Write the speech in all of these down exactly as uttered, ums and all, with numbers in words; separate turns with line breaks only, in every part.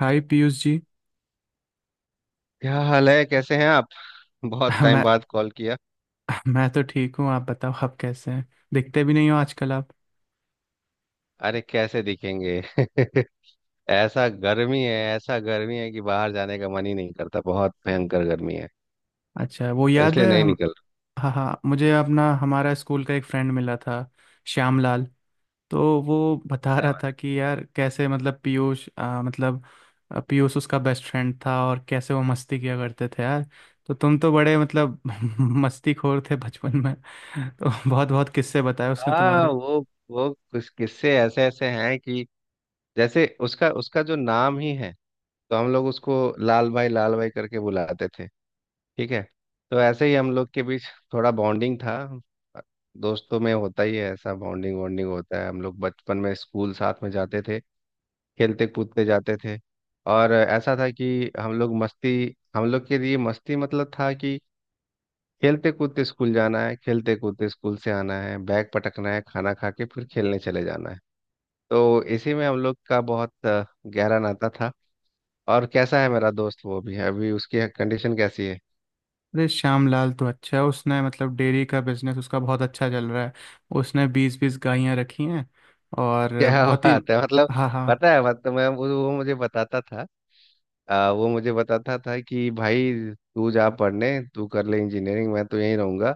हाय पीयूष जी।
क्या हाल है, कैसे हैं आप? बहुत टाइम
मैं
बाद कॉल किया।
मैं तो ठीक हूँ, आप बताओ आप कैसे हैं। दिखते भी नहीं हो आजकल आप।
अरे कैसे दिखेंगे? ऐसा गर्मी है, ऐसा गर्मी है कि बाहर जाने का मन ही नहीं करता। बहुत भयंकर गर्मी है,
अच्छा वो याद
इसलिए
है
नहीं
हम।
निकल रहा।
हाँ हाँ, मुझे अपना हमारा स्कूल का एक फ्रेंड मिला था, श्याम लाल। तो वो बता
क्या
रहा था
बात!
कि यार कैसे मतलब पीयूष आ, मतलब आ, पीयूष उसका बेस्ट फ्रेंड था और कैसे वो मस्ती किया करते थे यार। तो तुम तो बड़े मतलब मस्तीखोर थे बचपन में। तो बहुत बहुत किस्से बताए उसने।
हाँ, वो वो कुछ किस्से ऐसे ऐसे हैं कि जैसे उसका उसका जो नाम ही है, तो हम लोग उसको लाल भाई लाल भाई करके बुलाते थे। ठीक है। तो ऐसे ही हम लोग के बीच थोड़ा बॉन्डिंग था। दोस्तों में होता ही है, ऐसा बॉन्डिंग वॉन्डिंग होता है। हम लोग बचपन में स्कूल साथ में जाते थे, खेलते कूदते जाते थे। और ऐसा था कि हम लोग मस्ती हम लोग के लिए मस्ती मतलब था कि खेलते कूदते स्कूल जाना है, खेलते कूदते स्कूल से आना है, बैग पटकना है, खाना खा के फिर खेलने चले जाना है। तो इसी में हम लोग का बहुत अ, गहरा नाता था। और कैसा है मेरा दोस्त? वो भी है अभी, उसकी कंडीशन कैसी है?
अरे श्यामलाल तो अच्छा है, उसने मतलब डेयरी का बिजनेस उसका बहुत अच्छा चल रहा है। उसने बीस बीस गायें रखी हैं और
क्या
बहुत ही।
बात है मतलब!
हाँ हाँ।
पता है मतलब, मैं वो वो मुझे बताता था। आ, वो मुझे बताता था कि भाई, तू जा पढ़ने, तू कर ले इंजीनियरिंग, मैं तो यहीं रहूंगा।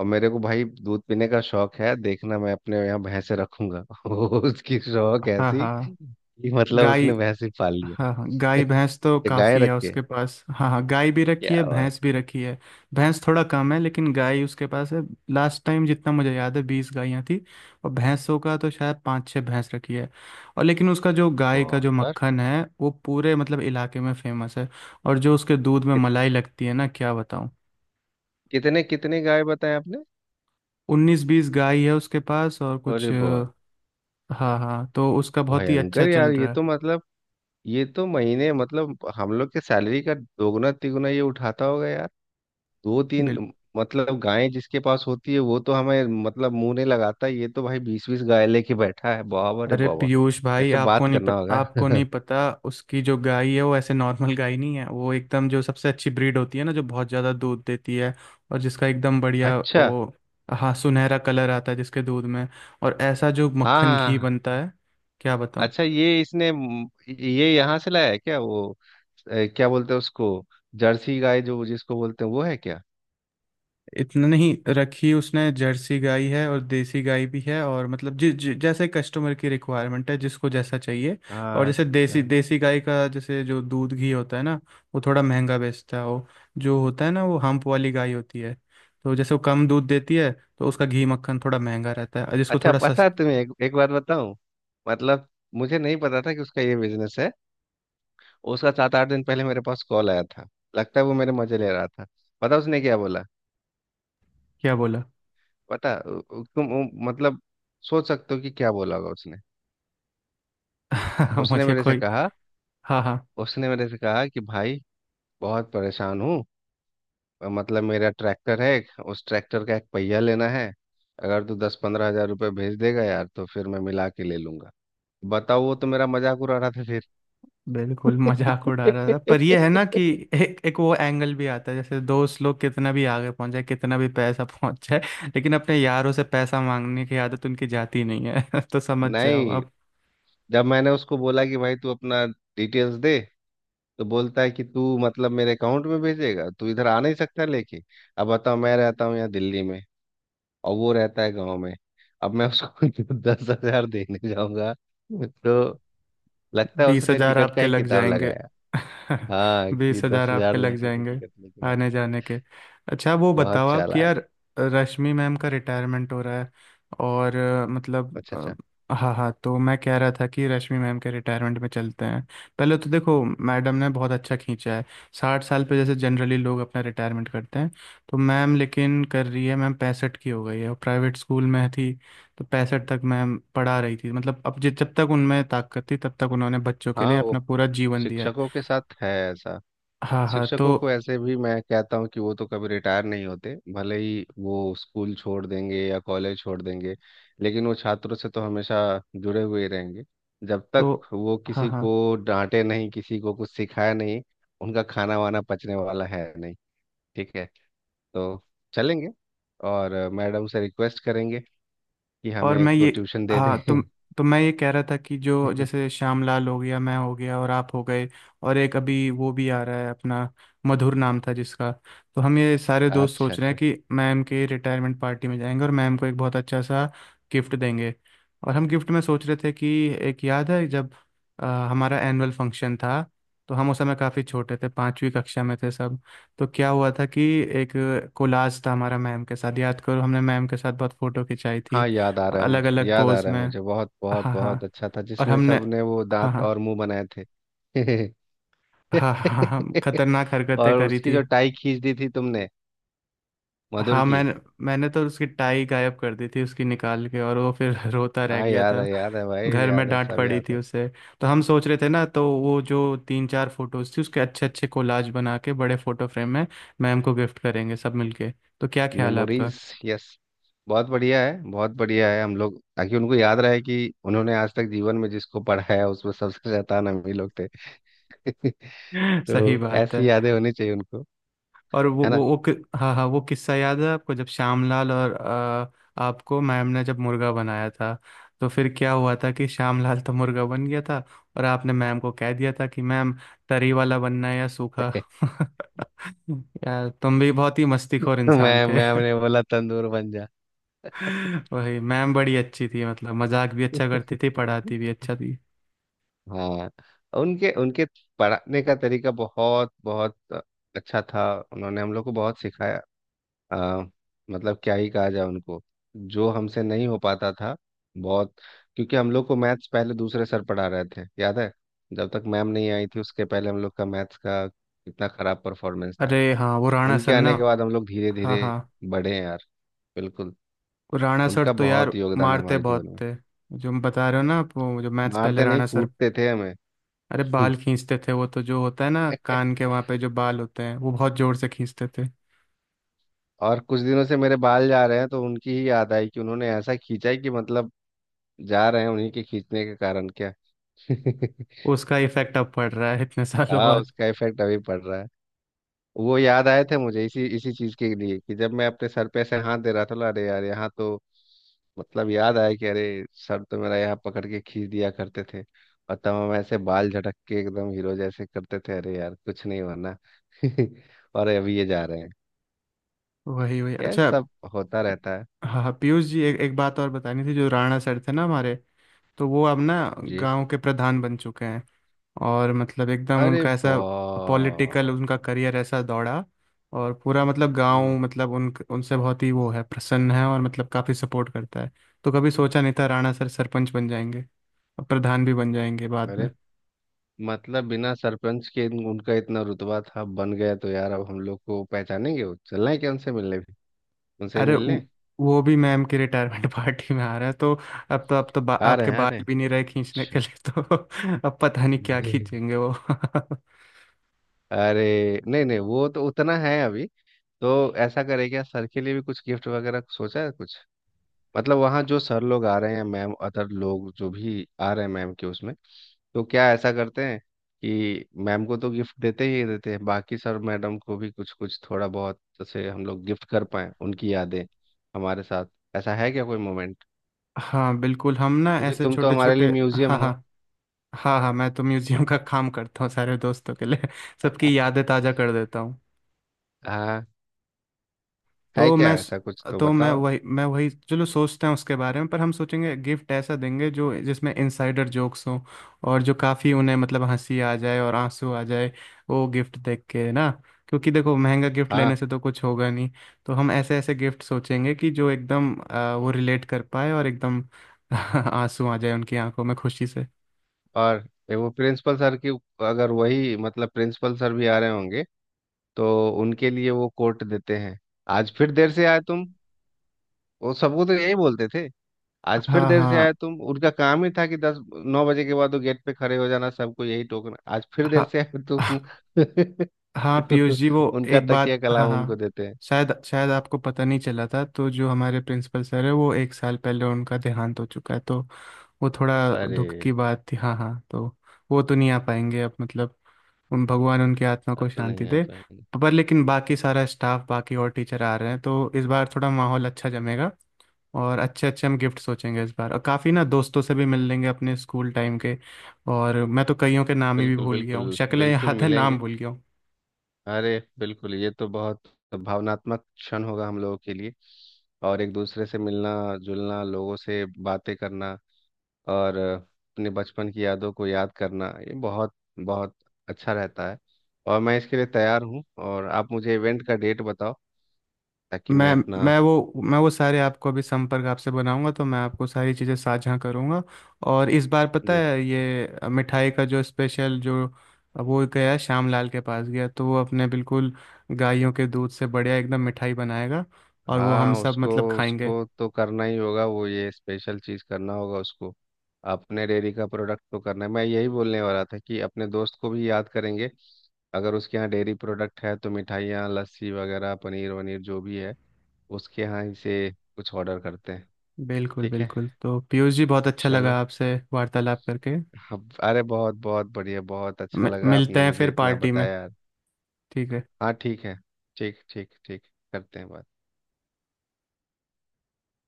और मेरे को भाई दूध पीने का शौक है, देखना मैं अपने यहाँ भैंसे रखूंगा। वो उसकी शौक
हाँ
ऐसी
हाँ
कि मतलब
गाय।
उसने भैंसे पाल लिया।
हाँ हाँ गाय भैंस तो
ये गाय
काफ़ी
रख
है
के,
उसके पास। हाँ हाँ गाय भी
क्या
रखी है
बात!
भैंस भी रखी है। भैंस थोड़ा कम है लेकिन गाय उसके पास है। लास्ट टाइम जितना मुझे याद है बीस गायें थी। और भैंसों का तो शायद पाँच छः भैंस रखी है। और लेकिन उसका जो गाय का
बहुत
जो
यार!
मक्खन है वो पूरे मतलब इलाके में फेमस है। और जो उसके दूध में
कित-
मलाई लगती है ना, क्या बताऊँ।
कितने कितने गाय बताए आपने?
उन्नीस बीस गाय है उसके पास और
अरे
कुछ अ,
बहुत!
हाँ हाँ, तो उसका बहुत ही अच्छा
भयंकर यार,
चल
ये
रहा है।
तो मतलब, ये तो महीने मतलब हम लोग के सैलरी का दोगुना तिगुना ये उठाता होगा यार, दो
बिल।
तीन। मतलब गाय जिसके पास होती है वो तो हमें मतलब मुंह नहीं लगाता, ये तो भाई बीस बीस गाय लेके बैठा है, बाबा रे
अरे
बाबा!
पीयूष भाई
ऐसे
आपको
बात
नहीं
करना
पता,
होगा।
आपको नहीं पता। उसकी जो गाय है वो ऐसे नॉर्मल गाय नहीं है, वो एकदम जो सबसे अच्छी ब्रीड होती है ना, जो बहुत ज़्यादा दूध देती है और जिसका एकदम बढ़िया
अच्छा,
वो। हाँ, सुनहरा कलर आता है जिसके दूध में। और ऐसा जो
हाँ हाँ
मक्खन
हाँ।
घी
हाँ।
बनता है, क्या बताऊँ।
अच्छा, ये इसने म, ये यहाँ से लाया है क्या? वो अ, क्या बोलते हैं उसको, जर्सी गाय जो जिसको बोलते हैं, वो है क्या?
इतना नहीं रखी उसने, जर्सी गाय है और देसी गाय भी है, और मतलब जि, जि, जैसे कस्टमर की रिक्वायरमेंट है जिसको जैसा चाहिए। और
हाँ,
जैसे देसी
अच्छा
देसी गाय का जैसे जो दूध घी होता है ना, वो थोड़ा महंगा बेचता है वो। जो होता है ना, वो हम्प वाली गाय होती है। तो जैसे वो कम दूध देती है तो उसका घी मक्खन थोड़ा महंगा रहता है और जिसको
अच्छा।
थोड़ा
पता है
सस्ता।
तुम्हें एक, एक बात बताऊं, मतलब मुझे नहीं पता था कि उसका ये बिजनेस है। उसका सात आठ दिन पहले मेरे पास कॉल आया था। लगता है वो मेरे मजे ले रहा था। पता उसने क्या बोला?
क्या बोला।
पता उ- उ- तुम उ- मतलब सोच सकते हो कि क्या बोला होगा उसने? उसने
मुझे
मेरे से
कोई।
कहा,
हाँ हाँ।
उसने मेरे से कहा कि भाई, बहुत परेशान हूँ, मतलब मेरा ट्रैक्टर है, एक, उस ट्रैक्टर का एक पहिया लेना है, अगर तू दस पंद्रह हजार रुपये भेज देगा यार तो फिर मैं मिला के ले लूंगा। बताओ, वो तो मेरा मजाक उड़ा रहा था फिर।
बिल्कुल मजाक उड़ा रहा था, पर ये है ना कि एक एक वो एंगल भी आता है। जैसे दोस्त लोग कितना भी आगे पहुंच जाए कितना भी पैसा पहुंच जाए लेकिन अपने यारों से पैसा मांगने की आदत उनकी जाती नहीं है। तो समझ जाओ
नहीं,
आप।
जब मैंने उसको बोला कि भाई तू अपना डिटेल्स दे, तो बोलता है कि तू मतलब मेरे अकाउंट में भेजेगा, तू इधर आ नहीं सकता लेके? अब बताओ, मैं रहता हूँ यहाँ दिल्ली में और वो रहता है गाँव में। अब मैं उसको दस हजार देने जाऊंगा तो, लगता है
बीस
उसने
हजार
टिकट का
आपके
ही
लग
किताब
जाएंगे।
लगाया। हाँ कि
बीस
दस
हजार आपके
हजार
लग
देंगे तो
जाएंगे
टिकट लेके आ।
आने जाने के। अच्छा वो बताओ
बहुत
आप कि
चालाक!
यार, रश्मि मैम का रिटायरमेंट हो रहा है और अ, मतलब
अच्छा अच्छा।
अ, हाँ हाँ, तो मैं कह रहा था कि रश्मि मैम के रिटायरमेंट में चलते हैं। पहले तो देखो मैडम ने बहुत अच्छा खींचा है, साठ साल पे जैसे जनरली लोग अपना रिटायरमेंट करते हैं, तो मैम लेकिन कर रही है, मैम पैंसठ की हो गई है और प्राइवेट स्कूल में थी। तो पैंसठ तक मैम पढ़ा रही थी, मतलब अब जि- जब तक उनमें ताकत थी तब तक उन्होंने बच्चों के
हाँ,
लिए
वो
अपना पूरा जीवन दिया है।
शिक्षकों के साथ है ऐसा।
हाँ हाँ।
शिक्षकों
तो
को ऐसे भी मैं कहता हूँ कि वो तो कभी रिटायर नहीं होते, भले ही वो स्कूल छोड़ देंगे या कॉलेज छोड़ देंगे, लेकिन वो छात्रों से तो हमेशा जुड़े हुए ही रहेंगे। जब तक
तो
वो
हाँ
किसी
हाँ।
को डांटे नहीं, किसी को कुछ सिखाए नहीं, उनका खाना वाना पचने वाला है नहीं। ठीक है, तो चलेंगे, और मैडम से रिक्वेस्ट करेंगे कि
और
हमें
मैं
एक दो
ये,
ट्यूशन दे
हाँ, तो
दें।
तो मैं ये कह रहा था कि जो जैसे श्यामलाल हो गया, मैं हो गया, और आप हो गए, और एक अभी वो भी आ रहा है अपना, मधुर नाम था जिसका। तो हम ये सारे दोस्त
अच्छा
सोच रहे
अच्छा।
हैं कि मैम के रिटायरमेंट पार्टी में जाएंगे और मैम को एक बहुत अच्छा सा गिफ्ट देंगे। और हम गिफ्ट में सोच रहे थे कि एक याद है जब अ, हमारा एनुअल फंक्शन था। तो हम उस समय काफ़ी छोटे थे, पांचवी कक्षा में थे सब। तो क्या हुआ था कि एक कोलाज था हमारा मैम के साथ, याद करो हमने मैम के साथ बहुत फ़ोटो खिंचाई
हाँ,
थी
याद आ रहा है
अलग
मुझे,
अलग
याद आ
पोज
रहा है
में।
मुझे, बहुत बहुत
हाँ हाँ।
बहुत अच्छा था
और
जिसमें
हमने
सबने वो
हाँ
दांत
हाँ
और मुंह बनाए थे।
हाँ हाँ हाँ खतरनाक हरकतें
और
करी
उसकी
थी।
जो टाई खींच दी थी तुमने, मधुर
हाँ,
की।
मैंने मैंने तो उसकी टाई गायब कर दी थी उसकी निकाल के, और वो फिर रोता रह
हाँ,
गया
याद
था।
है याद है भाई,
घर में
याद है,
डांट
सब
पड़ी
याद
थी
है।
उसे। तो हम सोच रहे थे ना, तो वो जो तीन चार फोटोज थी उसके अच्छे अच्छे कोलाज बना के बड़े फोटो फ्रेम में मैम को गिफ्ट करेंगे सब मिलके। तो क्या ख्याल है आपका।
मेमोरीज। यस, बहुत बढ़िया है, बहुत बढ़िया है हम लोग, ताकि उनको याद रहे कि उन्होंने आज तक जीवन में जिसको पढ़ाया, उसमें सबसे शैतान हम ही लोग थे।
सही
तो
बात है।
ऐसी यादें होनी चाहिए उनको,
और वो
है
वो
ना?
वो कि- हाँ हाँ, वो किस्सा याद है आपको जब श्यामलाल और अ, आपको मैम ने जब मुर्गा बनाया था। तो फिर क्या हुआ था कि श्यामलाल तो मुर्गा बन गया था, और आपने मैम को कह दिया था कि मैम तरी वाला बनना है या सूखा। यार तुम भी बहुत ही मस्तीखोर इंसान
मैं
थे।
मैं हमने बोला तंदूर बन जा।
वही मैम बड़ी अच्छी थी, मतलब मजाक भी अच्छा करती थी पढ़ाती भी अच्छा थी।
हाँ, उनके उनके पढ़ाने का तरीका बहुत बहुत अच्छा था। उन्होंने हम लोग को बहुत सिखाया। आ, मतलब क्या ही कहा जाए उनको। जो हमसे नहीं हो पाता था, बहुत, क्योंकि हम लोग को मैथ्स पहले दूसरे सर पढ़ा रहे थे, याद है? जब तक मैम नहीं आई थी, उसके पहले हम लोग का मैथ्स का कितना खराब परफॉर्मेंस था।
अरे हाँ, वो राणा
उनके
सर ना।
आने के बाद हम लोग धीरे
हाँ
धीरे
हाँ।
बढ़े हैं यार, बिल्कुल।
वो राणा सर
उनका
तो यार
बहुत योगदान है
मारते
हमारे जीवन
बहुत
में।
थे। जो हम बता रहे हो ना आप, वो जो मैथ्स पहले
मारते नहीं,
राणा सर,
कूटते थे हमें।
अरे बाल खींचते थे वो तो, जो होता है ना कान के वहां पे जो बाल होते हैं वो बहुत जोर से खींचते थे।
और कुछ दिनों से मेरे बाल जा रहे हैं, तो उनकी ही याद आई कि उन्होंने ऐसा खींचा है कि मतलब जा रहे हैं उन्हीं के खींचने के कारण क्या।
उसका इफेक्ट अब पड़ रहा है इतने सालों
हाँ,
बाद।
उसका इफेक्ट अभी पड़ रहा है। वो याद आए थे मुझे इसी इसी चीज के लिए कि जब मैं अपने सर पे ऐसे हाथ दे रहा था, बोला, अरे यार यहाँ तो मतलब याद आया कि अरे, सर तो मेरा यहाँ पकड़ के खींच दिया करते थे। और तब हम ऐसे बाल झटक के एकदम हीरो जैसे करते थे, अरे यार कुछ नहीं होना। और अभी ये जा रहे हैं।
वही वही,
यह
अच्छा।
सब होता रहता है।
हाँ हाँ, पीयूष जी, एक एक बात और बतानी थी, जो राणा सर थे ना हमारे, तो वो अब ना
जी।
गांव के प्रधान बन चुके हैं। और मतलब एकदम
अरे
उनका ऐसा
वाह!
पॉलिटिकल उनका करियर ऐसा दौड़ा। और पूरा मतलब गांव मतलब उन उनसे बहुत ही वो है, प्रसन्न है और मतलब काफी सपोर्ट करता है। तो कभी सोचा नहीं था राणा सर सरपंच बन जाएंगे और प्रधान भी बन जाएंगे बाद
अरे
में।
मतलब बिना सरपंच के इन- उनका इतना रुतबा था, बन गया तो यार अब हम लोग को पहचानेंगे वो? चलना है क्या उनसे मिलने भी, उनसे
अरे
मिलने?
वो वो भी मैम की रिटायरमेंट पार्टी में आ रहा है तो। अब तो अब तो बा,
आ रहे
आपके
हैं, आ रहे
बाल
हैं।
भी नहीं रहे खींचने
अच्छा।
के लिए, तो अब पता नहीं क्या खींचेंगे वो।
अरे नहीं नहीं, वो तो उतना है अभी। तो ऐसा करे, क्या सर के लिए भी कुछ गिफ्ट वगैरह सोचा है कुछ? मतलब वहाँ जो सर लोग आ रहे हैं, मैम अदर लोग जो भी आ रहे हैं मैम के उसमें, तो क्या ऐसा करते हैं कि मैम को तो गिफ्ट देते ही देते हैं, बाकी सर मैडम को भी कुछ कुछ थोड़ा बहुत जैसे हम लोग गिफ्ट कर पाए, उनकी यादें हमारे साथ। ऐसा है क्या कोई मोमेंट?
हाँ बिल्कुल, हम ना
क्योंकि
ऐसे
तुम तो
छोटे
हमारे
छोटे।
लिए म्यूजियम
हाँ हाँ।
हो।
हाँ हाँ, मैं तो म्यूजियम का काम करता हूँ सारे दोस्तों के लिए, सबकी यादें ताज़ा कर देता हूँ।
हाँ, है
तो
क्या
मैं
ऐसा कुछ तो
तो मैं
बताओ।
वही मैं वही चलो सोचते हैं उसके बारे में, पर हम सोचेंगे गिफ्ट ऐसा देंगे जो जिसमें इनसाइडर जोक्स हों और जो काफ़ी उन्हें मतलब हंसी आ जाए और आंसू आ जाए वो गिफ्ट देख के ना। क्योंकि देखो महंगा गिफ्ट
हाँ,
लेने से तो कुछ होगा नहीं। तो हम ऐसे ऐसे गिफ्ट सोचेंगे कि जो एकदम आ, वो रिलेट कर पाए और एकदम आंसू आ जाए उनकी आंखों में खुशी से।
और ये वो प्रिंसिपल सर की, अगर वही मतलब प्रिंसिपल सर भी आ रहे होंगे तो उनके लिए वो कोट देते हैं, आज फिर देर से आए तुम। वो सबको तो यही बोलते थे, आज फिर
हाँ
देर से आए
हाँ।
तुम। उनका काम ही था कि दस नौ बजे के बाद वो गेट पे खड़े हो जाना, सबको यही टोकना, आज फिर देर से आए तुम।
हाँ हाँ पीयूष जी, वो
उनका
एक
तकिया
बात, हाँ
कलाम उनको
हाँ,
देते हैं।
शायद शायद आपको पता नहीं चला था, तो जो हमारे प्रिंसिपल सर है वो एक साल पहले उनका देहांत हो चुका है, तो वो थोड़ा दुख
अरे,
की बात थी। हाँ हाँ, तो वो तो नहीं आ पाएंगे अब, मतलब उन भगवान उनकी आत्मा
अब
को
तो
शांति
नहीं आ
दे।
पाएंगे।
पर लेकिन बाकी सारा स्टाफ बाकी और टीचर आ रहे हैं, तो इस बार थोड़ा माहौल अच्छा जमेगा, और अच्छे अच्छे हम गिफ्ट सोचेंगे इस बार, और काफ़ी ना दोस्तों से भी मिल लेंगे अपने स्कूल टाइम के। और मैं तो कईयों के नाम ही भी
बिल्कुल
भूल गया हूँ,
बिल्कुल,
शक्लें
बिल्कुल
याद है नाम
मिलेंगे।
भूल गया हूँ।
अरे बिल्कुल, ये तो बहुत भावनात्मक क्षण होगा हम लोगों के लिए। और एक दूसरे से मिलना जुलना, लोगों से बातें करना, और अपने बचपन की यादों को याद करना, ये बहुत बहुत अच्छा रहता है। और मैं इसके लिए तैयार हूँ, और आप मुझे इवेंट का डेट बताओ ताकि मैं
मैं
अपना।
मैं वो मैं वो सारे आपको अभी संपर्क आपसे बनाऊंगा, तो मैं आपको सारी चीज़ें साझा करूंगा। और इस बार पता
जी।
है ये मिठाई का जो स्पेशल जो वो गया श्याम लाल के पास, गया तो वो अपने बिल्कुल गायों के दूध से बढ़िया एकदम मिठाई बनाएगा, और वो हम
हाँ
सब
उसको,
मतलब खाएंगे।
उसको तो करना ही होगा वो, ये स्पेशल चीज़ करना होगा उसको। अपने डेयरी का प्रोडक्ट तो करना है, मैं यही बोलने वाला था कि अपने दोस्त को भी याद करेंगे। अगर उसके यहाँ डेयरी प्रोडक्ट है तो मिठाइयाँ, लस्सी वगैरह, पनीर वनीर, जो भी है, उसके यहाँ ही से कुछ ऑर्डर करते हैं।
बिल्कुल
ठीक है,
बिल्कुल, तो पीयूष जी, बहुत अच्छा लगा
चलो।
आपसे वार्तालाप करके।
हम- अरे बहुत बहुत बढ़िया, बहुत अच्छा
मि-
लगा
मिलते
आपने
हैं
मुझे
फिर
इतना
पार्टी में।
बताया यार।
ठीक है।
हाँ, ठीक है। ठीक ठीक ठीक, करते हैं बात।